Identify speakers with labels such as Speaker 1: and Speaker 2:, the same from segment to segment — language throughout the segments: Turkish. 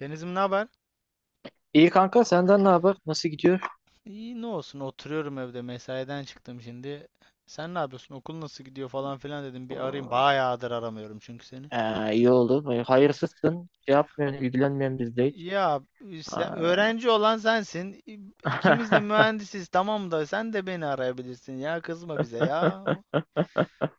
Speaker 1: Denizim, ne haber?
Speaker 2: İyi kanka, senden ne haber? Nasıl gidiyor?
Speaker 1: İyi, ne olsun, oturuyorum evde, mesaiden çıktım şimdi. Sen ne yapıyorsun? Okul nasıl gidiyor falan filan, dedim bir arayayım. Bayağıdır aramıyorum çünkü seni.
Speaker 2: İyi oldu. Böyle hayırsızsın. Şey yapmıyorsun, ilgilenmiyorsun bizde hiç.
Speaker 1: Ya,
Speaker 2: Aa.
Speaker 1: öğrenci olan sensin. İkimiz de mühendisiz, tamam da sen de beni arayabilirsin ya, kızma bize ya.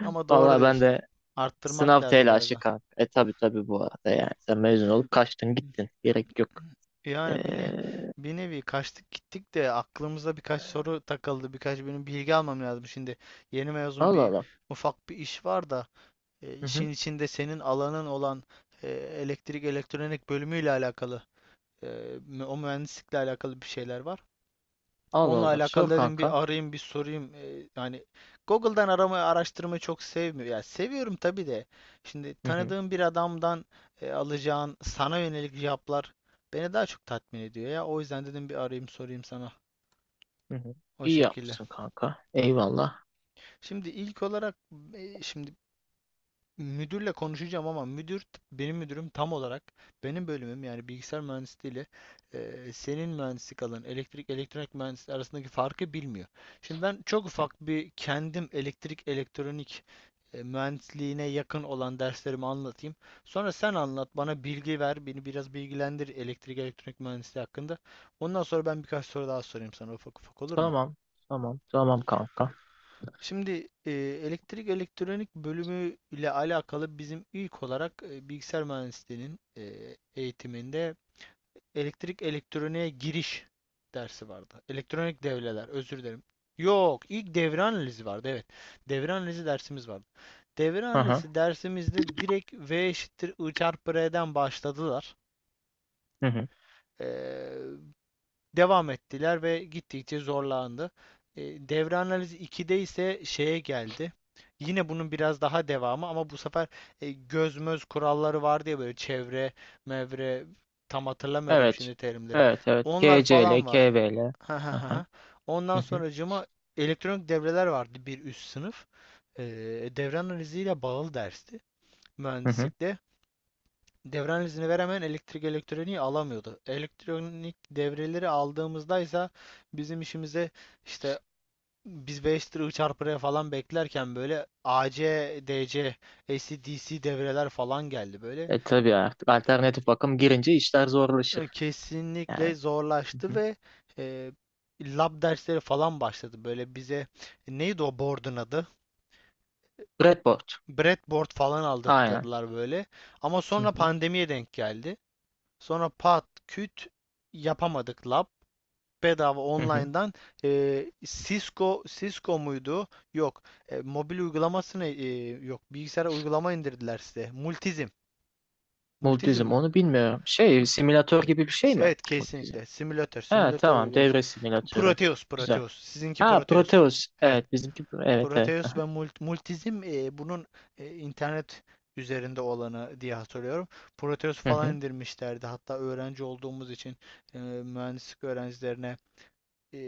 Speaker 1: Ama doğru
Speaker 2: Vallahi ben
Speaker 1: diyorsun.
Speaker 2: de
Speaker 1: Arttırmak
Speaker 2: sınav
Speaker 1: lazım biraz
Speaker 2: telaşı
Speaker 1: daha.
Speaker 2: kanka. E tabi tabi bu arada yani. Sen mezun olup kaçtın gittin. Gerek yok. Ee,
Speaker 1: Yani bir nevi kaçtık gittik de aklımıza birkaç soru takıldı. Birkaç benim bilgi almam lazım şimdi. Yeni mezun
Speaker 2: Allah
Speaker 1: bir
Speaker 2: Allah.
Speaker 1: ufak bir iş var da.
Speaker 2: Hı
Speaker 1: İşin
Speaker 2: hı.
Speaker 1: içinde senin alanın olan elektrik elektronik bölümüyle alakalı, e, o mühendislikle alakalı bir şeyler var.
Speaker 2: Allah
Speaker 1: Onunla
Speaker 2: Allah.
Speaker 1: alakalı
Speaker 2: Sor
Speaker 1: dedim,
Speaker 2: kanka.
Speaker 1: bir arayayım bir sorayım. Yani Google'dan aramayı araştırmayı çok sevmiyorum. Ya, seviyorum tabii de. Şimdi
Speaker 2: Hı hı.
Speaker 1: tanıdığım bir adamdan alacağın sana yönelik cevaplar beni daha çok tatmin ediyor ya. O yüzden dedim, bir arayayım sorayım sana,
Speaker 2: Hı hı.
Speaker 1: o
Speaker 2: İyi
Speaker 1: şekilde.
Speaker 2: yapmışsın kanka. Eyvallah.
Speaker 1: Şimdi ilk olarak, e, şimdi müdürle konuşacağım ama benim müdürüm tam olarak benim bölümüm, yani bilgisayar mühendisliği ile senin mühendislik alanın elektrik elektronik mühendisliği arasındaki farkı bilmiyor. Şimdi ben çok ufak bir kendim elektrik elektronik mühendisliğine yakın olan derslerimi anlatayım. Sonra sen anlat bana, bilgi ver, beni biraz bilgilendir elektrik elektronik mühendisliği hakkında. Ondan sonra ben birkaç soru daha sorayım sana, ufak ufak, olur mu?
Speaker 2: Tamam. Tamam. Tamam kanka.
Speaker 1: Şimdi elektrik elektronik bölümü ile alakalı bizim ilk olarak bilgisayar mühendisliğinin eğitiminde elektrik elektroniğe giriş dersi vardı. Elektronik devreler, özür dilerim. Yok, ilk devre analizi vardı. Evet, devre analizi dersimiz vardı. Devre
Speaker 2: Hı hı.
Speaker 1: analizi dersimizde direkt V eşittir I çarpı R'den başladılar.
Speaker 2: Hı hı.
Speaker 1: E, Devam ettiler ve gittikçe zorlandı. E, devre analizi 2'de ise şeye geldi. Yine bunun biraz daha devamı ama bu sefer göz möz kuralları vardı ya, böyle çevre, mevre, tam hatırlamıyorum
Speaker 2: Evet.
Speaker 1: şimdi terimleri.
Speaker 2: Evet evet.
Speaker 1: Onlar
Speaker 2: KCL,
Speaker 1: falan var.
Speaker 2: KVL.
Speaker 1: Ha
Speaker 2: Hı
Speaker 1: ha
Speaker 2: hı.
Speaker 1: ha.
Speaker 2: Hı
Speaker 1: Ondan
Speaker 2: hı.
Speaker 1: sonracığıma elektronik devreler vardı, bir üst sınıf. E, Devre analiziyle bağlı dersti
Speaker 2: Hı hı.
Speaker 1: mühendislikte. Devran izni veremeyen elektrik elektroniği alamıyordu. Elektronik devreleri aldığımızda ise bizim işimize işte biz 5 lira çarpıya falan beklerken böyle AC, DC, AC/DC devreler falan geldi böyle.
Speaker 2: E tabii artık alternatif bakım girince işler zorlaşır.
Speaker 1: Kesinlikle
Speaker 2: Yani. Hı
Speaker 1: zorlaştı
Speaker 2: hı.
Speaker 1: ve e, lab dersleri falan başladı. Böyle bize. Neydi o board'un adı?
Speaker 2: Breadboard.
Speaker 1: Breadboard falan
Speaker 2: Aynen.
Speaker 1: aldırttılar böyle. Ama
Speaker 2: Hı
Speaker 1: sonra
Speaker 2: hı.
Speaker 1: pandemiye denk geldi. Sonra pat küt yapamadık lab. Bedava
Speaker 2: Hı hı.
Speaker 1: online'dan, Cisco muydu? Yok. Mobil uygulamasını, yok, bilgisayara uygulama indirdiler size. Multizm. Multizm
Speaker 2: Multizm,
Speaker 1: mi?
Speaker 2: onu bilmiyorum. Şey, simülatör gibi bir şey mi?
Speaker 1: Evet,
Speaker 2: Multizm.
Speaker 1: kesinlikle. Simülatör.
Speaker 2: Ha
Speaker 1: Simülatör
Speaker 2: tamam,
Speaker 1: uygulaması.
Speaker 2: devre simülatörü.
Speaker 1: Proteus.
Speaker 2: Güzel.
Speaker 1: Proteus. Sizinki
Speaker 2: Ha
Speaker 1: Proteus.
Speaker 2: Proteus.
Speaker 1: Evet.
Speaker 2: Evet bizimki. Evet evet.
Speaker 1: Proteus ve Multizm, bunun internet üzerinde olanı diye hatırlıyorum. Proteus falan
Speaker 2: Hı.
Speaker 1: indirmişlerdi. Hatta öğrenci olduğumuz için mühendislik öğrencilerine e,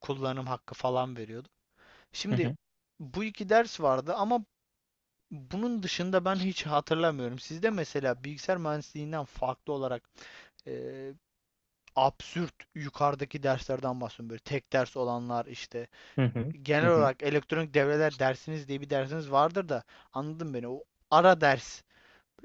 Speaker 1: kullanım hakkı falan veriyorduk.
Speaker 2: Hı
Speaker 1: Şimdi
Speaker 2: hı.
Speaker 1: bu iki ders vardı ama bunun dışında ben hiç hatırlamıyorum. Sizde mesela bilgisayar mühendisliğinden farklı olarak eee, absürt yukarıdaki derslerden bahsediyorum. Böyle tek ders olanlar, işte
Speaker 2: Hı hı. Hı hı.
Speaker 1: genel
Speaker 2: Hı hı.
Speaker 1: olarak elektronik devreler dersiniz diye bir dersiniz vardır da, anladın beni. O ara ders,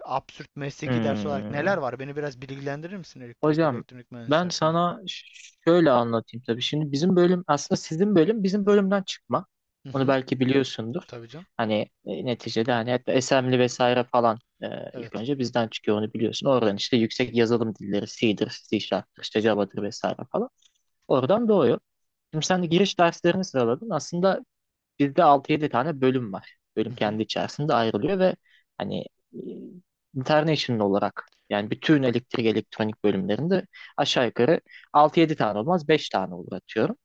Speaker 1: absürt mesleki ders olarak neler
Speaker 2: Hmm.
Speaker 1: var? Beni biraz bilgilendirir misin elektrik
Speaker 2: Hocam,
Speaker 1: elektronik mühendisliği
Speaker 2: ben
Speaker 1: hakkında?
Speaker 2: sana şöyle anlatayım tabii. Şimdi bizim bölüm aslında sizin bölüm bizim bölümden çıkma.
Speaker 1: Hı
Speaker 2: Onu
Speaker 1: hı,
Speaker 2: belki biliyorsundur.
Speaker 1: tabii canım.
Speaker 2: Hani neticede hani hatta Assembly vesaire falan, ilk
Speaker 1: Evet.
Speaker 2: önce bizden çıkıyor onu biliyorsun. Oradan işte yüksek yazılım dilleri C'dir, C Sharp'tır, işte Java'dır vesaire falan. Oradan doğuyor. Şimdi sen de giriş derslerini sıraladın. Aslında bizde altı yedi tane bölüm var.
Speaker 1: Hı
Speaker 2: Bölüm
Speaker 1: hı,
Speaker 2: kendi içerisinde ayrılıyor ve hani e, international olarak yani bütün elektrik elektronik bölümlerinde aşağı yukarı altı yedi tane olmaz, 5 tane olur atıyorum,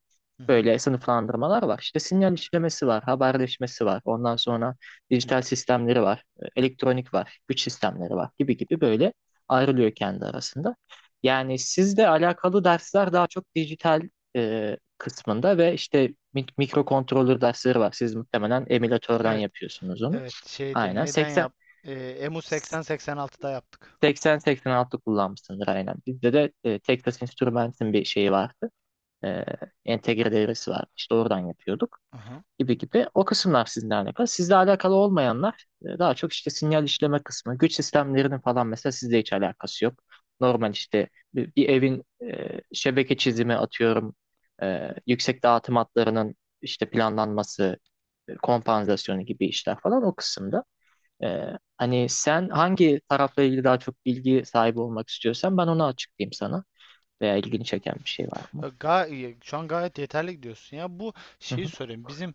Speaker 1: hı hı.
Speaker 2: böyle sınıflandırmalar var. İşte sinyal işlemesi var, haberleşmesi var. Ondan sonra dijital sistemleri var, elektronik var, güç sistemleri var gibi gibi, böyle ayrılıyor kendi arasında. Yani sizle alakalı dersler daha çok dijital kısmında ve işte mikrokontroller dersleri var. Siz muhtemelen emülatörden
Speaker 1: Evet.
Speaker 2: yapıyorsunuz onu.
Speaker 1: Evet, şeydi,
Speaker 2: Aynen
Speaker 1: neyden
Speaker 2: 80.
Speaker 1: yap? Emu 80-86'da yaptık.
Speaker 2: 80-86 kullanmışsındır aynen. Bizde de Texas Instruments'in bir şeyi vardı. E, entegre devresi vardı. İşte oradan yapıyorduk
Speaker 1: Aha.
Speaker 2: gibi gibi. O kısımlar sizinle alakalı. Sizle alakalı olmayanlar, daha çok işte sinyal işleme kısmı, güç sistemlerinin falan mesela sizle hiç alakası yok. Normal işte bir evin şebeke çizimi atıyorum, yüksek dağıtım hatlarının işte planlanması, kompansasyonu gibi işler falan o kısımda. E, hani sen hangi tarafla ilgili daha çok bilgi sahibi olmak istiyorsan ben onu açıklayayım sana. Veya ilgini çeken bir şey var mı?
Speaker 1: Ya şu an gayet yeterli gidiyorsun ya. Bu
Speaker 2: Hı
Speaker 1: şeyi
Speaker 2: hı.
Speaker 1: sorayım. Bizim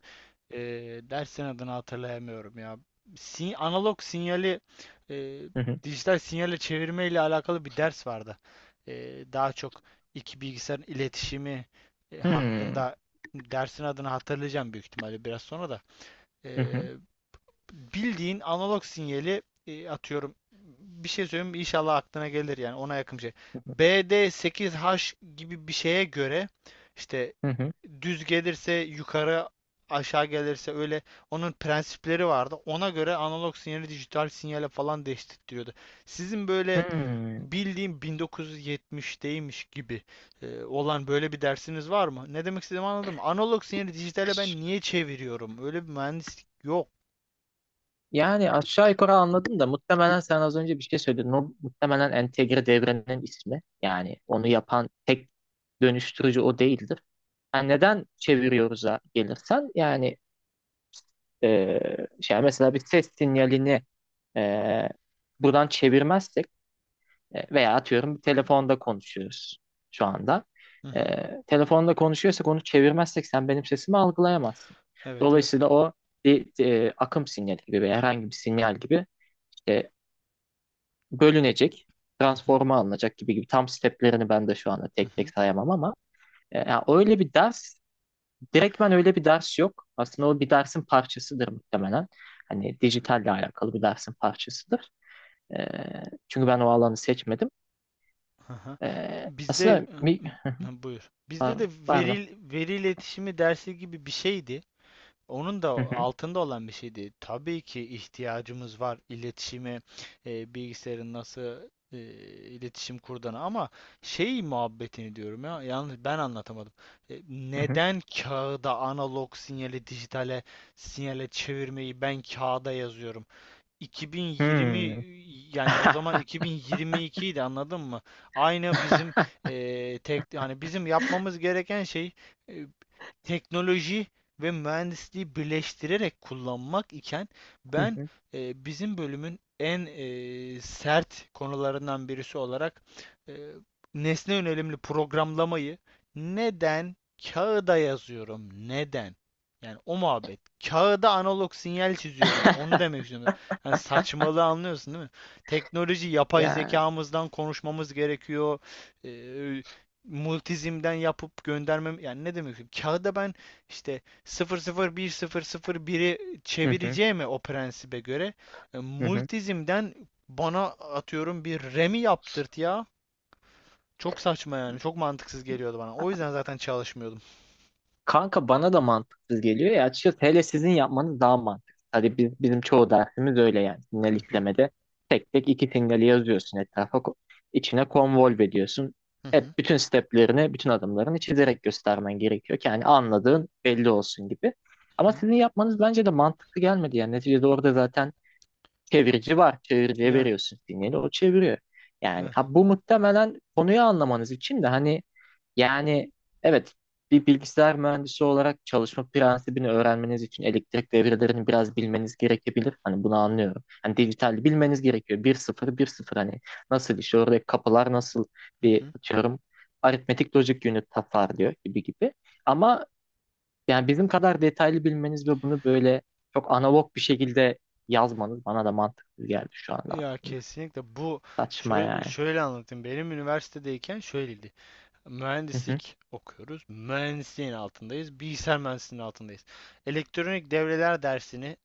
Speaker 1: e, dersin adını hatırlayamıyorum ya. Analog sinyali e,
Speaker 2: Hı hı.
Speaker 1: dijital sinyale çevirme ile alakalı bir ders vardı. E, Daha çok iki bilgisayarın iletişimi
Speaker 2: Hmm.
Speaker 1: hakkında, dersin adını hatırlayacağım büyük ihtimalle biraz sonra da. E,
Speaker 2: Hı hı.
Speaker 1: Bildiğin analog sinyali, atıyorum. Bir şey söyleyeyim mi? İnşallah aklına gelir, yani ona yakın bir şey. BD8H gibi bir şeye göre işte
Speaker 2: Hı hı.
Speaker 1: düz gelirse yukarı, aşağı gelirse öyle, onun prensipleri vardı. Ona göre analog sinyali dijital sinyale falan değiştiriyordu. Sizin böyle
Speaker 2: Hmm.
Speaker 1: bildiğim 1970'teymiş gibi olan böyle bir dersiniz var mı? Ne demek istediğimi anladım. Analog sinyali dijitale ben niye çeviriyorum? Öyle bir mühendislik yok.
Speaker 2: Yani aşağı yukarı anladım da muhtemelen sen az önce bir şey söyledin. O muhtemelen entegre devrenin ismi. Yani onu yapan tek dönüştürücü o değildir. Yani neden çeviriyoruz'a gelirsen yani, e, şey, mesela bir ses sinyalini e, buradan çevirmezsek, veya atıyorum bir telefonda konuşuyoruz şu anda.
Speaker 1: Hı hı.
Speaker 2: E, telefonda konuşuyorsak onu çevirmezsek sen benim sesimi algılayamazsın.
Speaker 1: Evet, evet.
Speaker 2: Dolayısıyla o bir akım sinyali gibi veya herhangi bir sinyal gibi işte bölünecek,
Speaker 1: Hı hı.
Speaker 2: transforma alınacak gibi gibi, tam steplerini ben de şu anda
Speaker 1: Hı
Speaker 2: tek tek
Speaker 1: hı.
Speaker 2: sayamam ama ya öyle bir ders, direktmen öyle bir ders yok. Aslında o bir dersin parçasıdır muhtemelen. Hani dijitalle alakalı bir dersin parçasıdır. E, çünkü ben o alanı seçmedim.
Speaker 1: Hı hı.
Speaker 2: E,
Speaker 1: Bizde,
Speaker 2: aslında mi,
Speaker 1: hı, buyur. Bizde de
Speaker 2: Pardon.
Speaker 1: veri iletişimi dersi gibi bir şeydi. Onun da
Speaker 2: Hı hı,
Speaker 1: altında olan bir şeydi. Tabii ki ihtiyacımız var iletişime, bilgisayarın nasıl iletişim kurduğuna, ama şey muhabbetini diyorum ya, yalnız ben anlatamadım.
Speaker 2: hı hı.
Speaker 1: Neden kağıda analog sinyali dijitale sinyale çevirmeyi ben kağıda yazıyorum? 2020,
Speaker 2: Hmm.
Speaker 1: yani o zaman 2022 idi, anladın mı? Aynı bizim tek, yani bizim yapmamız gereken şey e, teknoloji ve mühendisliği birleştirerek kullanmak iken
Speaker 2: Hı
Speaker 1: ben
Speaker 2: hı.
Speaker 1: bizim bölümün en sert konularından birisi olarak e, nesne yönelimli programlamayı neden kağıda yazıyorum? Neden? Yani o muhabbet. Kağıda analog sinyal çiziyorum. Onu demek istiyorum. Yani saçmalığı anlıyorsun değil mi? Teknoloji, yapay
Speaker 2: Ya.
Speaker 1: zekamızdan konuşmamız gerekiyor. Ee, Multizimden yapıp göndermem, yani ne demek istiyorum? Kağıda ben işte sıfır sıfır bir sıfır sıfır bir biri
Speaker 2: Hı hı,
Speaker 1: çevireceğime o prensibe göre
Speaker 2: hı hı.
Speaker 1: multizimden bana atıyorum bir remi yaptırt ya. Çok saçma yani. Çok mantıksız geliyordu bana. O yüzden zaten çalışmıyordum.
Speaker 2: Kanka bana da mantıksız geliyor ya açıkçası, hele sizin yapmanız daha mantıksız. Hadi biz, bizim çoğu dersimiz öyle yani, sinyal
Speaker 1: Hı hı,
Speaker 2: işlemede tek tek iki sinyali yazıyorsun etrafa içine convolve ediyorsun.
Speaker 1: hı hı,
Speaker 2: Hep bütün steplerini bütün adımlarını çizerek göstermen gerekiyor ki yani anladığın belli olsun gibi. Ama
Speaker 1: hı,
Speaker 2: sizin yapmanız bence de mantıklı gelmedi yani, neticede orada zaten çevirici var, çeviriciye
Speaker 1: yani.
Speaker 2: veriyorsun sinyali, o çeviriyor. Yani
Speaker 1: Yani.
Speaker 2: ha, bu muhtemelen konuyu anlamanız için de hani, yani evet, bir bilgisayar mühendisi olarak çalışma prensibini öğrenmeniz için elektrik devrelerini biraz bilmeniz gerekebilir. Hani bunu anlıyorum. Hani dijital bilmeniz gerekiyor. Bir sıfır, bir sıfır. Hani nasıl işliyor, oradaki kapılar nasıl
Speaker 1: Hı
Speaker 2: bir
Speaker 1: hı.
Speaker 2: atıyorum. Aritmetik logic unit tasar diyor gibi gibi. Ama yani bizim kadar detaylı bilmeniz ve bunu böyle çok analog bir şekilde yazmanız bana da mantıklı geldi şu anda.
Speaker 1: Ya kesinlikle bu,
Speaker 2: Saçma
Speaker 1: şöyle,
Speaker 2: yani.
Speaker 1: şöyle anlatayım. Benim üniversitedeyken şöyleydi.
Speaker 2: Hı hı.
Speaker 1: Mühendislik okuyoruz. Mühendisliğin altındayız. Bilgisayar mühendisliğinin altındayız. Elektronik devreler dersini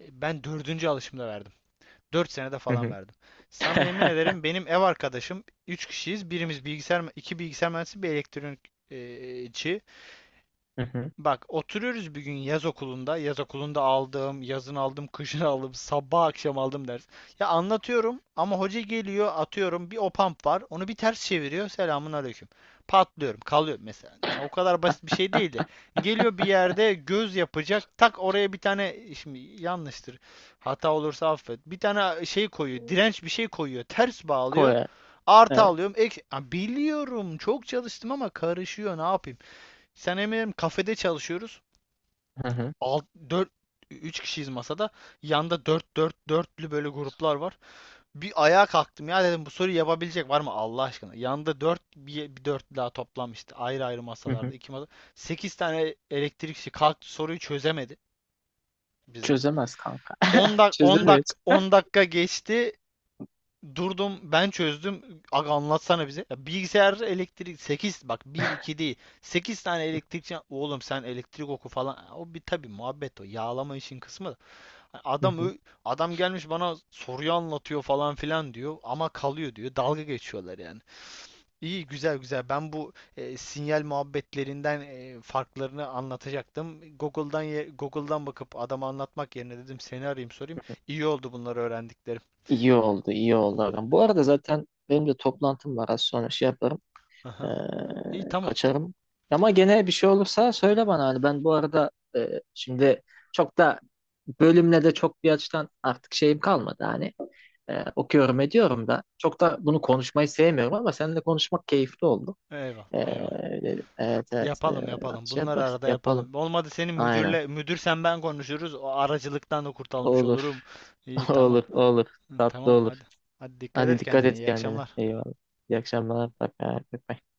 Speaker 1: ben dördüncü alışımda verdim. 4 senede
Speaker 2: Hı
Speaker 1: falan
Speaker 2: hı.
Speaker 1: verdim. Sana yemin ederim, benim ev arkadaşım, üç kişiyiz. Birimiz bilgisayar, iki bilgisayar mühendisi, bir elektronikçi.
Speaker 2: Hı hı.
Speaker 1: Bak, oturuyoruz bir gün yaz okulunda. Yaz okulunda aldım, yazın aldım, kışın aldım, sabah akşam aldım ders. Ya anlatıyorum ama hoca geliyor, atıyorum bir o pump var. Onu bir ters çeviriyor. Selamun aleyküm. Patlıyorum, kalıyorum mesela. Ya o kadar basit bir şey değildi. Geliyor bir yerde göz yapacak. Tak, oraya bir tane, şimdi yanlıştır hata olursa affet, bir tane şey koyuyor.
Speaker 2: Hmm.
Speaker 1: Direnç, bir şey koyuyor. Ters bağlıyor.
Speaker 2: Koy.
Speaker 1: Artı
Speaker 2: Evet.
Speaker 1: alıyorum. Ya biliyorum, çok çalıştım ama karışıyor. Ne yapayım? Sen eminim, kafede çalışıyoruz.
Speaker 2: Hı hı.
Speaker 1: 6 4 3 kişiyiz masada. Yanda 4 4 dörtlü böyle gruplar var. Bir ayağa kalktım ya, dedim bu soruyu yapabilecek var mı Allah aşkına? Yanda 4, bir, bir dörtlü daha toplanmıştı. Ayrı ayrı
Speaker 2: Hı
Speaker 1: masalarda,
Speaker 2: hı.
Speaker 1: iki masa. 8 tane elektrikçi kalktı, soruyu çözemedi bizim.
Speaker 2: Çözemez kanka.
Speaker 1: 10 dak 10
Speaker 2: Çözemez.
Speaker 1: dak 10 dakika geçti. Durdum, ben çözdüm. Aga, anlatsana bize. Ya bilgisayar elektrik, sekiz, bak, bir 2 değil, 8 tane elektrikçi, oğlum sen elektrik oku falan. O bir tabii muhabbet, o. Yağlama işin kısmı da. Hani
Speaker 2: Hı hı.
Speaker 1: Adam gelmiş bana soruyu anlatıyor falan filan diyor, ama kalıyor diyor. Dalga geçiyorlar yani. İyi, güzel güzel. Ben bu sinyal muhabbetlerinden farklarını anlatacaktım. Google'dan bakıp adama anlatmak yerine dedim seni arayayım sorayım. İyi oldu bunları öğrendiklerim.
Speaker 2: İyi oldu, iyi oldu ağam. Bu arada zaten benim de toplantım var. Az sonra şey yaparım. Ee,
Speaker 1: Aha. İyi, tamam.
Speaker 2: kaçarım. Ama gene bir şey olursa söyle bana. Hani ben bu arada, şimdi çok da bölümle de çok bir açıdan artık şeyim kalmadı. Hani okuyorum ediyorum da. Çok da bunu konuşmayı sevmiyorum ama seninle konuşmak keyifli oldu.
Speaker 1: Eyvallah,
Speaker 2: Ee,
Speaker 1: eyvallah.
Speaker 2: evet evet.
Speaker 1: Yapalım, yapalım.
Speaker 2: Şey
Speaker 1: Bunları
Speaker 2: yapar,
Speaker 1: arada
Speaker 2: yapalım.
Speaker 1: yapalım. Olmadı senin
Speaker 2: Aynen.
Speaker 1: müdürle, müdür sen ben konuşuruz. O aracılıktan da kurtulmuş
Speaker 2: Olur.
Speaker 1: olurum. İyi, tamam.
Speaker 2: Olur, olur. Tatlı
Speaker 1: Tamam,
Speaker 2: olur.
Speaker 1: hadi. Hadi, dikkat
Speaker 2: Hadi
Speaker 1: et
Speaker 2: dikkat
Speaker 1: kendine.
Speaker 2: et
Speaker 1: İyi
Speaker 2: kendine.
Speaker 1: akşamlar.
Speaker 2: Eyvallah. İyi akşamlar. Bak, bak, bak.